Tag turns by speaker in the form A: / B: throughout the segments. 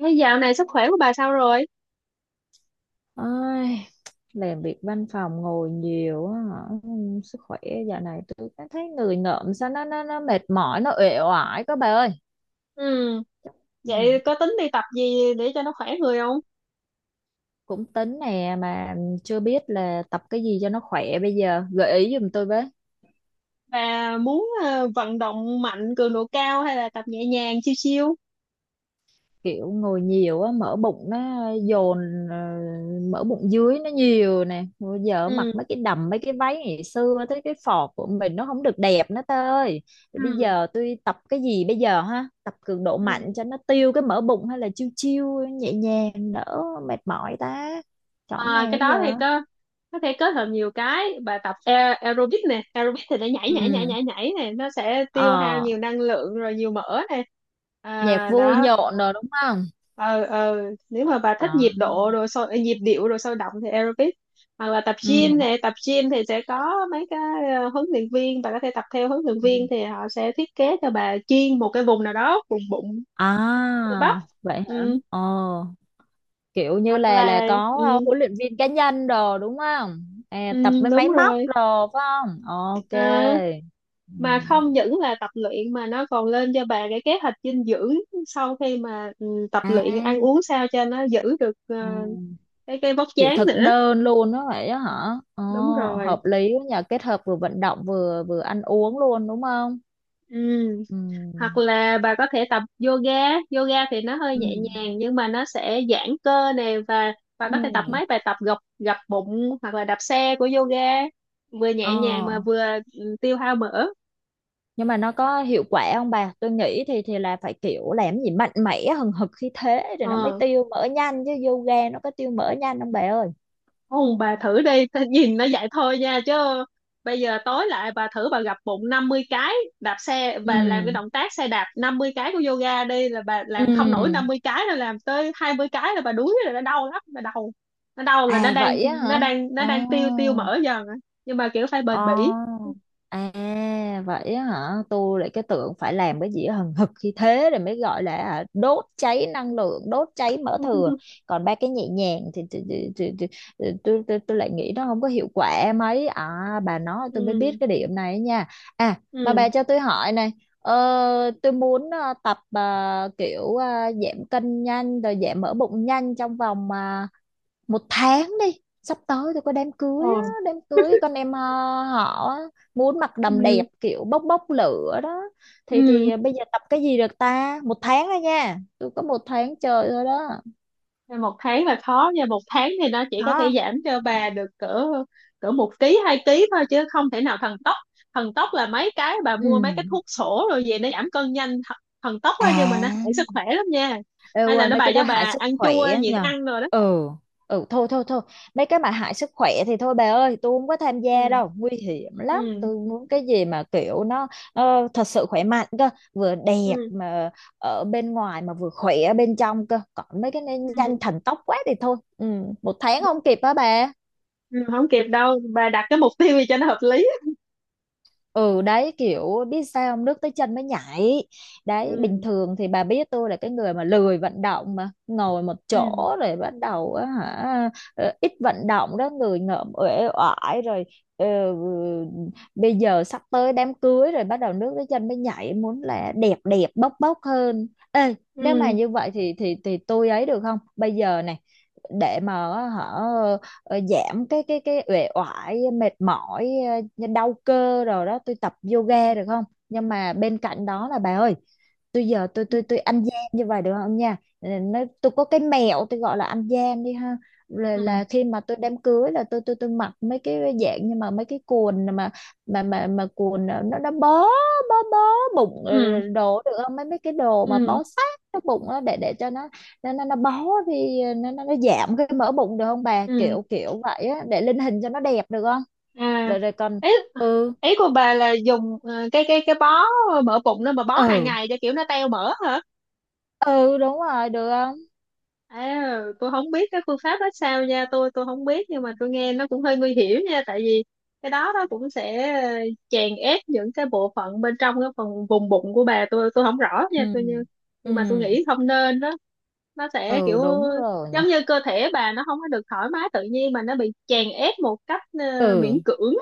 A: Thế dạo này sức khỏe của bà sao rồi?
B: Ai làm việc văn phòng ngồi nhiều á hả? Sức khỏe dạo này tôi cảm thấy người ngợm sao nó mệt mỏi, nó uể oải các bà ơi.
A: Ừ,
B: Ừ.
A: vậy có tính đi tập gì để cho nó khỏe người không?
B: Cũng tính nè, mà chưa biết là tập cái gì cho nó khỏe, bây giờ gợi ý giùm tôi với.
A: Bà muốn vận động mạnh, cường độ cao hay là tập nhẹ nhàng, chiêu chiêu?
B: Kiểu ngồi nhiều á, mỡ bụng nó dồn, ờ, mỡ bụng dưới nó nhiều nè, bây giờ mặc
A: Ừ,
B: mấy cái đầm, mấy cái váy ngày xưa tới cái phọt của mình nó không được đẹp nữa tơi ơi. Rồi bây
A: ừ,
B: giờ tôi tập cái gì bây giờ ha, tập cường độ
A: ừ.
B: mạnh cho nó tiêu cái mỡ bụng, hay là chiêu chiêu nhẹ nhàng đỡ mệt mỏi ta, chọn
A: À, cái
B: nào
A: đó
B: giờ?
A: thì có thể kết hợp nhiều cái. Bà tập aerobic nè, aerobic thì để nhảy nhảy nhảy
B: Ừ.
A: nhảy nhảy nè, nó sẽ tiêu hao
B: Ờ.
A: nhiều năng lượng rồi nhiều mỡ nè.
B: Nhạc
A: À,
B: vui
A: đó.
B: nhộn rồi đúng không?
A: ờ ờ Nếu mà bà
B: Ờ.
A: thích nhịp độ rồi sôi nhịp điệu rồi sôi động thì aerobic, hoặc là tập gym
B: Ừ.
A: nè, tập gym thì sẽ có mấy cái huấn luyện viên. Bà có thể tập theo huấn luyện viên thì họ sẽ thiết kế cho bà chuyên một cái vùng nào đó, vùng bụng, cơ bắp.
B: À vậy hả?
A: Ừ,
B: Ờ Kiểu như
A: hoặc
B: là
A: là.
B: có
A: Ừ,
B: huấn luyện viên cá nhân đồ đúng không, à,
A: ừ,
B: tập với
A: đúng
B: máy móc
A: rồi.
B: đồ phải không? Ok.
A: À, mà không
B: Ừ.
A: những là tập luyện mà nó còn lên cho bà cái kế hoạch dinh dưỡng sau khi mà tập
B: À.
A: luyện, ăn uống sao cho nó giữ được
B: Ừ.
A: cái vóc
B: Kiểu
A: dáng
B: thực
A: nữa.
B: đơn luôn đó vậy đó hả? Ồ,
A: Đúng rồi.
B: hợp lý quá nhờ, kết hợp vừa vận động vừa vừa ăn uống luôn đúng không?
A: Ừ,
B: Ừ.
A: hoặc là bà có thể tập yoga. Yoga thì nó hơi nhẹ
B: Ừ.
A: nhàng nhưng mà nó sẽ giãn cơ nè, và bà
B: Ừ.
A: có thể tập mấy bài tập gập, gập bụng hoặc là đạp xe của yoga, vừa
B: Ờ.
A: nhẹ nhàng mà vừa tiêu hao mỡ.
B: Nhưng mà nó có hiệu quả không bà? Tôi nghĩ thì là phải kiểu làm gì mạnh mẽ hừng hực khí thế rồi nó mới
A: ờ
B: tiêu mỡ nhanh chứ, yoga nó có tiêu mỡ nhanh không bà ơi?
A: Không, bà thử đi, ta nhìn nó vậy thôi nha chứ bây giờ tối lại bà thử bà gập bụng 50 cái, đạp xe bà làm cái
B: Ừ.
A: động tác xe đạp 50 cái của yoga đi, là bà
B: Ừ.
A: làm không nổi 50 cái, là làm tới 20 cái là bà đuối rồi, nó đau lắm, nó đau. Nó đau là nó
B: À
A: đang,
B: vậy á hả?
A: nó
B: Ồ.
A: đang tiêu, tiêu mỡ dần á. Nhưng mà kiểu phải bền bỉ.
B: Ồ. À vậy á hả? Tôi lại cái tưởng phải làm cái gì hừng hực khi thế rồi mới gọi là hả, đốt cháy năng lượng, đốt cháy mỡ thừa. Còn ba cái nhẹ nhàng thì tôi lại nghĩ nó không có hiệu quả mấy. À, bà nói tôi mới
A: Ừ,
B: biết cái điểm này nha. À mà bà
A: ừ,
B: cho tôi hỏi này. Tôi muốn tập kiểu giảm cân nhanh rồi giảm mỡ bụng nhanh trong vòng một tháng đi, sắp tới tôi có đám cưới á,
A: ừ,
B: đám cưới con em, họ á, muốn mặc đầm
A: ừ,
B: đẹp kiểu bốc bốc lửa đó. Thì
A: ừ.
B: bây giờ tập cái gì được ta, một tháng thôi nha, tôi có một tháng trời thôi đó.
A: Nên 1 tháng là khó nha, 1 tháng thì nó chỉ
B: Có
A: có thể
B: không?
A: giảm cho bà được cỡ cỡ 1 ký, 2 ký thôi, chứ không thể nào thần tốc. Thần tốc là mấy cái bà
B: Ừ.
A: mua mấy cái thuốc sổ rồi về nó giảm cân nhanh, thần tốc á, nhưng mà nó
B: À.
A: hại sức khỏe lắm nha.
B: Ê,
A: Hay là
B: ngoài
A: nó
B: mấy
A: bà
B: cái đó
A: cho
B: hại
A: bà
B: sức
A: ăn
B: khỏe
A: chua, nhịn
B: nhờ?
A: ăn rồi đó.
B: Ừ. Ừ. Thôi thôi thôi, mấy cái mà hại sức khỏe thì thôi bà ơi, tôi không có tham gia
A: Ừ,
B: đâu, nguy hiểm
A: ừ,
B: lắm. Tôi muốn cái gì mà kiểu nó thật sự khỏe mạnh cơ, vừa đẹp
A: ừ,
B: mà ở bên ngoài mà vừa khỏe ở bên trong cơ, còn mấy cái này
A: ừ,
B: nhanh thần tốc quá thì thôi. Ừ, một tháng không kịp á bà.
A: ừ. Không kịp đâu bà, đặt cái mục tiêu gì cho nó hợp lý.
B: Ừ đấy, kiểu biết sao không, nước tới chân mới nhảy. Đấy, bình
A: Ừ,
B: thường thì bà biết tôi là cái người mà lười vận động, mà ngồi một
A: ừ,
B: chỗ rồi bắt đầu á hả, ít vận động đó người ngợm uể oải rồi. ờ, Bây giờ sắp tới đám cưới rồi bắt đầu nước tới chân mới nhảy, muốn là đẹp đẹp bốc bốc hơn. Ê, nếu mà
A: ừ,
B: như vậy thì tôi ấy được không bây giờ này, để mà họ giảm cái uể oải mệt mỏi, đau cơ rồi đó, tôi tập yoga được không? Nhưng mà bên cạnh đó là bà ơi, tôi giờ tôi ăn gian như vậy được không nha? Ừ, nó tôi có cái mẹo tôi gọi là ăn gian đi ha, là,
A: ừ, ừ,
B: là khi mà tôi đám cưới là tôi mặc mấy cái dạng, nhưng mà mấy cái quần mà mà quần nó bó, bó bụng,
A: ừ,
B: đồ được không, mấy mấy cái đồ mà
A: ừ,
B: bó sát cái bụng đó để cho nó nó bó thì nó nó giảm cái mỡ bụng được không bà,
A: ừ.
B: kiểu kiểu vậy á, để lên hình cho nó đẹp được không?
A: À,
B: Rồi rồi còn.
A: ý
B: Ừ.
A: ý của bà là dùng cái cái bó mỡ bụng đó, mà bó hàng
B: Ừ.
A: ngày cho kiểu nó teo mỡ hả?
B: Ừ, đúng rồi, được không?
A: À, tôi không biết cái phương pháp đó sao nha, tôi không biết, nhưng mà tôi nghe nó cũng hơi nguy hiểm nha, tại vì cái đó nó cũng sẽ chèn ép những cái bộ phận bên trong cái phần vùng bụng của bà, tôi không rõ
B: Ừ.
A: nha, tôi như,
B: Ừ.
A: nhưng mà tôi nghĩ không nên đó. Nó sẽ
B: Ừ
A: kiểu
B: đúng rồi nhỉ.
A: giống như cơ thể bà nó không có được thoải mái tự nhiên mà nó bị chèn ép một cách
B: Ừ.
A: miễn cưỡng.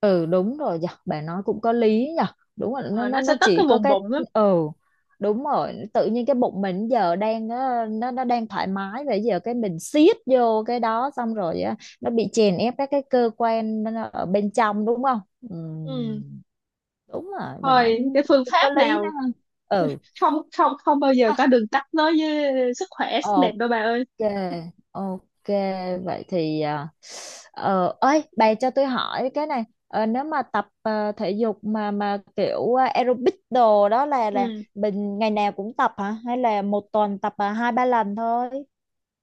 B: Ừ đúng rồi nhỉ, bà nói cũng có lý nhỉ. Đúng rồi,
A: Ờ, nó sẽ
B: nó
A: tất
B: chỉ
A: cái
B: có
A: vùng
B: cái.
A: bụng lắm.
B: Ừ đúng rồi, tự nhiên cái bụng mình giờ đang nó đang thoải mái vậy, giờ cái mình siết vô cái đó xong rồi á, nó bị chèn ép các cái cơ quan nó ở bên trong đúng không? Ừ. Đúng rồi, bà nói
A: Thôi cái phương
B: cũng
A: pháp
B: có lý đó
A: nào,
B: ha. Ừ
A: không, không, không bao giờ
B: ha,
A: có đường tắt nói với sức khỏe, sắc đẹp
B: ok,
A: đâu bà ơi.
B: ok. Vậy thì ơi bà cho tôi hỏi cái này. Ờ, nếu mà tập thể dục mà kiểu aerobic đồ đó, là
A: Ừ.
B: mình ngày nào cũng tập, hả hay là một tuần tập hai ba lần thôi?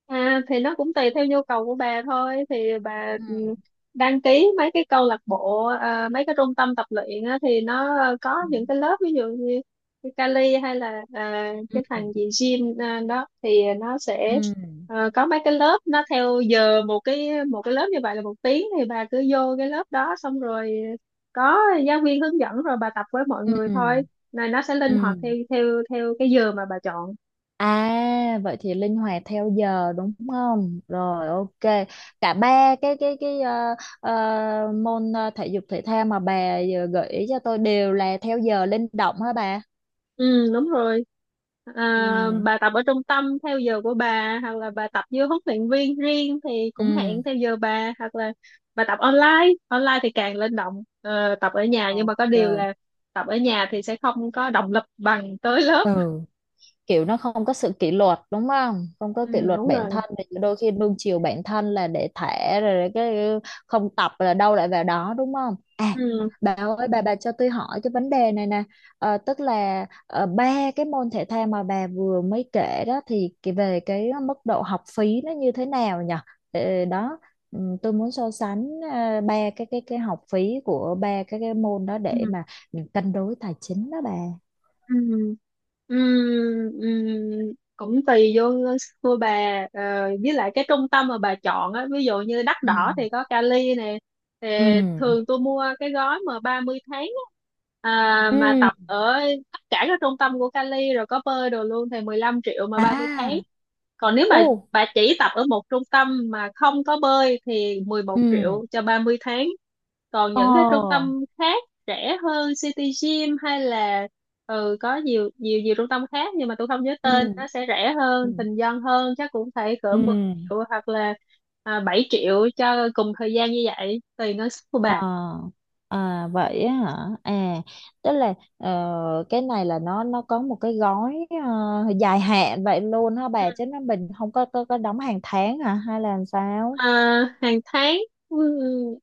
A: À, thì nó cũng tùy theo nhu cầu của bà thôi, thì bà
B: Ừ.
A: đăng ký mấy cái câu lạc bộ, à, mấy cái trung tâm tập luyện á, thì nó có
B: Ừ.
A: những cái lớp ví dụ như cái Cali hay là à,
B: Ừ.
A: cái thằng gì gym à, đó thì nó sẽ
B: Ừ.
A: có mấy cái lớp nó theo giờ, một cái lớp như vậy là 1 tiếng, thì bà cứ vô cái lớp đó xong rồi có giáo viên hướng dẫn rồi bà tập với mọi
B: Ừ.
A: người thôi. Này nó sẽ
B: Ừ.
A: linh hoạt theo theo theo cái giờ mà bà chọn.
B: À vậy thì linh hoạt theo giờ đúng không? Rồi ok. Cả ba cái môn thể dục thể thao mà bà vừa gợi ý cho tôi đều là theo giờ linh động hả bà?
A: Ừ, đúng rồi.
B: Ừ.
A: À, bà tập ở trung tâm theo giờ của bà, hoặc là bà tập với huấn luyện viên riêng thì cũng
B: Ừ.
A: hẹn theo giờ bà, hoặc là bà tập online. Online thì càng linh động. Ờ, tập ở nhà, nhưng mà có
B: Ok.
A: điều là tập ở nhà thì sẽ không có động lực bằng tới lớp.
B: Ừ. Kiểu nó không có sự kỷ luật đúng không, không có kỷ
A: Ừ,
B: luật
A: đúng
B: bản
A: rồi.
B: thân thì đôi khi nuông chiều bản thân là để thả rồi cái không tập là đâu lại vào đó đúng không à.
A: Ừ.
B: Bà ơi, bà cho tôi hỏi cái vấn đề này nè. Tức là ba cái môn thể thao mà bà vừa mới kể đó thì về cái mức độ học phí nó như thế nào nhỉ? Ờ, đó. Ừ, tôi muốn so sánh ba cái học phí của ba cái môn đó
A: Ừ.
B: để mà mình cân đối tài chính đó bà.
A: Ừm, ừm, cũng tùy vô cô bà, ờ, với lại cái trung tâm mà bà chọn á, ví dụ như đắt
B: Ừ.
A: đỏ thì có Cali nè, thì
B: Ừ.
A: thường tôi mua cái gói mà 30 tháng á, à,
B: Ừ.
A: mà tập ở tất cả các trung tâm của Cali rồi có bơi đồ luôn thì 15 triệu mà 30 tháng.
B: À.
A: Còn nếu mà
B: Ồ.
A: bà chỉ tập ở một trung tâm mà không có bơi thì mười một
B: Ừ.
A: triệu cho 30 tháng. Còn những cái trung
B: Ồ.
A: tâm khác rẻ hơn, City Gym hay là, ừ, có nhiều nhiều nhiều trung tâm khác nhưng mà tôi không nhớ tên,
B: Ừ.
A: nó sẽ rẻ
B: Ừ.
A: hơn, bình dân hơn, chắc cũng phải cỡ
B: Ừ.
A: 10 triệu, hoặc là à, 7 triệu cho cùng thời gian như vậy, tùy ngân sách của
B: À.
A: bà.
B: À vậy á hả? À, tức là cái này là nó có một cái gói dài hạn vậy luôn hả bà? Chứ nó mình không có có đóng hàng tháng hả? Hay là làm sao?
A: Ờ, hàng tháng. Ừ,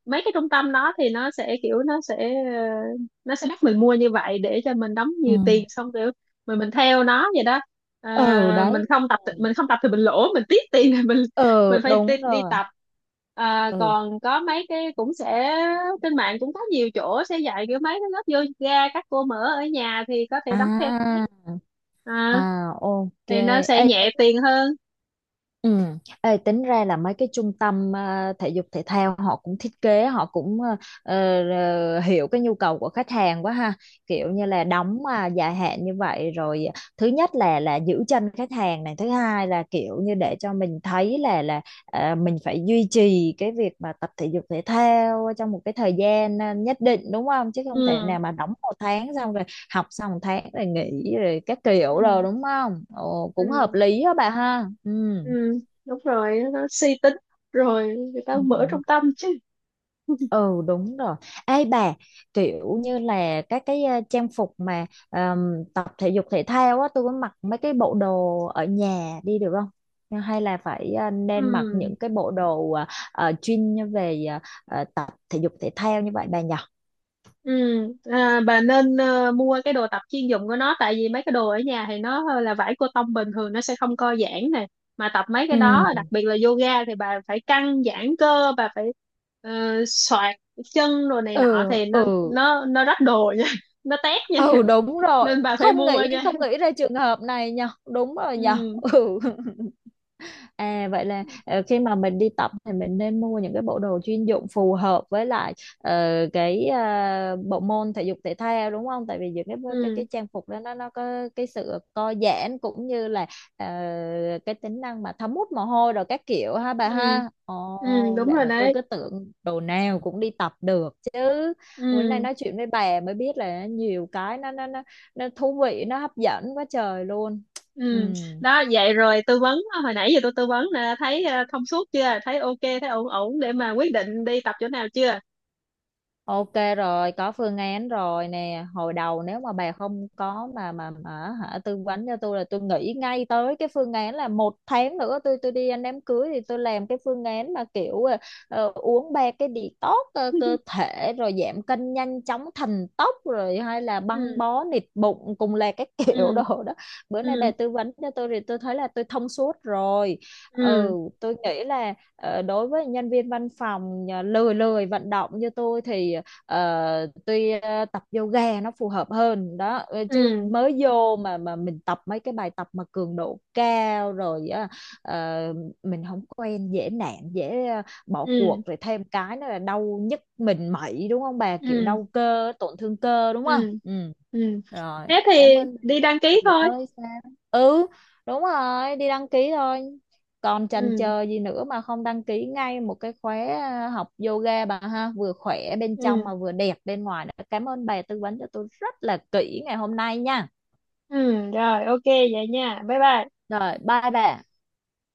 A: mấy cái trung tâm đó thì nó sẽ kiểu, nó sẽ nó sẽ bắt mình mua như vậy để cho mình đóng
B: Ừ.
A: nhiều tiền xong kiểu mình theo nó vậy đó. Ờ,
B: Ừ,
A: mình
B: đấy.
A: không
B: Ừ.
A: tập thì, mình lỗ, mình tiếc tiền thì mình
B: Ừ,
A: phải
B: đúng
A: đi
B: rồi.
A: tập. Ờ,
B: Ừ.
A: còn có mấy cái cũng sẽ trên mạng cũng có nhiều chỗ sẽ dạy kiểu mấy cái lớp yoga các cô mở ở nhà thì có thể đóng theo tháng.
B: À.
A: Ờ,
B: À, ok.
A: thì nó sẽ
B: Ê.
A: nhẹ tiền hơn.
B: Ừ. Ê, tính ra là mấy cái trung tâm thể dục thể thao, họ cũng thiết kế, họ cũng ờ, hiểu cái nhu cầu của khách hàng quá ha, kiểu như là đóng mà dài hạn như vậy rồi, thứ nhất là giữ chân khách hàng này, thứ hai là kiểu như để cho mình thấy là mình phải duy trì cái việc mà tập thể dục thể thao trong một cái thời gian nhất định đúng không, chứ không thể
A: Ừ.
B: nào mà đóng một tháng xong rồi học xong một tháng rồi nghỉ rồi các kiểu rồi
A: Ừ.
B: đúng không. Ồ, cũng hợp
A: Ừ,
B: lý đó bà ha. Ừ.
A: ừ, đúng rồi, nó suy tính rồi người ta
B: Ừ.
A: mở trong tâm chứ.
B: Ừ, đúng rồi. Ê bà, kiểu như là các cái trang phục mà tập thể dục thể thao á, tôi có mặc mấy cái bộ đồ ở nhà đi được không? Nhưng hay là phải nên mặc
A: Ừ,
B: những cái bộ đồ chuyên như về tập thể dục thể thao như vậy bà nhỉ?
A: ừ. À, bà nên mua cái đồ tập chuyên dụng của nó, tại vì mấy cái đồ ở nhà thì nó là vải cotton bình thường, nó sẽ không co giãn này, mà tập mấy cái
B: Ừ.
A: đó đặc biệt là yoga thì bà phải căng giãn cơ, bà phải ờ, soạt chân rồi này nọ
B: Ừ.
A: thì
B: Ừ.
A: nó rách đồ nha. Nó tét nha,
B: Ừ đúng rồi.
A: nên bà phải mua nha.
B: Không nghĩ ra trường hợp này nhỉ? Đúng rồi nhỉ?
A: Ừ,
B: Ừ. À vậy là khi mà mình đi tập thì mình nên mua những cái bộ đồ chuyên dụng phù hợp với lại ờ, cái bộ môn thể dục thể thao đúng không? Tại vì những
A: ừ,
B: cái trang phục đó nó có cái sự co giãn, cũng như là ờ, cái tính năng mà thấm hút mồ hôi rồi các kiểu ha bà
A: ừ,
B: ha.
A: ừ,
B: Ồ,
A: đúng
B: vậy
A: rồi
B: mà tôi
A: đấy.
B: cứ tưởng đồ nào cũng đi tập được chứ. Bữa nay
A: Ừ.
B: nói chuyện với bà mới biết là nhiều cái nó thú vị, nó hấp dẫn quá trời luôn. Ừ.
A: Ừ, đó vậy rồi tư vấn, à, hồi nãy giờ tôi tư vấn là thấy thông suốt chưa, thấy ok, thấy ổn ổn để mà quyết định đi tập chỗ nào chưa?
B: Ok rồi, có phương án rồi nè. Hồi đầu nếu mà bà không có mà hả tư vấn cho tôi là tôi nghĩ ngay tới cái phương án là một tháng nữa tôi đi ăn đám cưới thì tôi làm cái phương án mà kiểu uống ba cái detox cơ thể rồi giảm cân nhanh chóng thành tóc, rồi hay là băng
A: Ừ,
B: bó nịt bụng cùng là các kiểu
A: ừ,
B: đồ đó. Bữa nay bà
A: ừ,
B: tư vấn cho tôi thì tôi thấy là tôi thông suốt rồi.
A: ừ,
B: Ừ, tôi nghĩ là đối với nhân viên văn phòng lười lười vận động như tôi thì tuy tập yoga nó phù hợp hơn đó, chứ
A: ừ,
B: mới vô mà mình tập mấy cái bài tập mà cường độ cao rồi á, ờ, mình không quen dễ nản, dễ bỏ
A: ừ,
B: cuộc, rồi thêm cái nữa là đau nhức mình mẩy đúng không bà, kiểu
A: ừ,
B: đau cơ tổn thương cơ đúng không.
A: ừ,
B: Ừ
A: ừ,
B: rồi.
A: thế
B: Cảm
A: thì
B: ơn bạn
A: đi đăng ký
B: nhiều
A: thôi.
B: ơi sao. Ừ đúng rồi, đi đăng ký thôi, còn chần
A: Ừ,
B: chờ gì nữa mà không đăng ký ngay một cái khóa học yoga bà ha, vừa khỏe bên trong
A: ừ,
B: mà vừa đẹp bên ngoài nữa. Cảm ơn bà tư vấn cho tôi rất là kỹ ngày hôm nay nha.
A: ừ rồi, ok vậy nha, bye bye.
B: Rồi bye bà.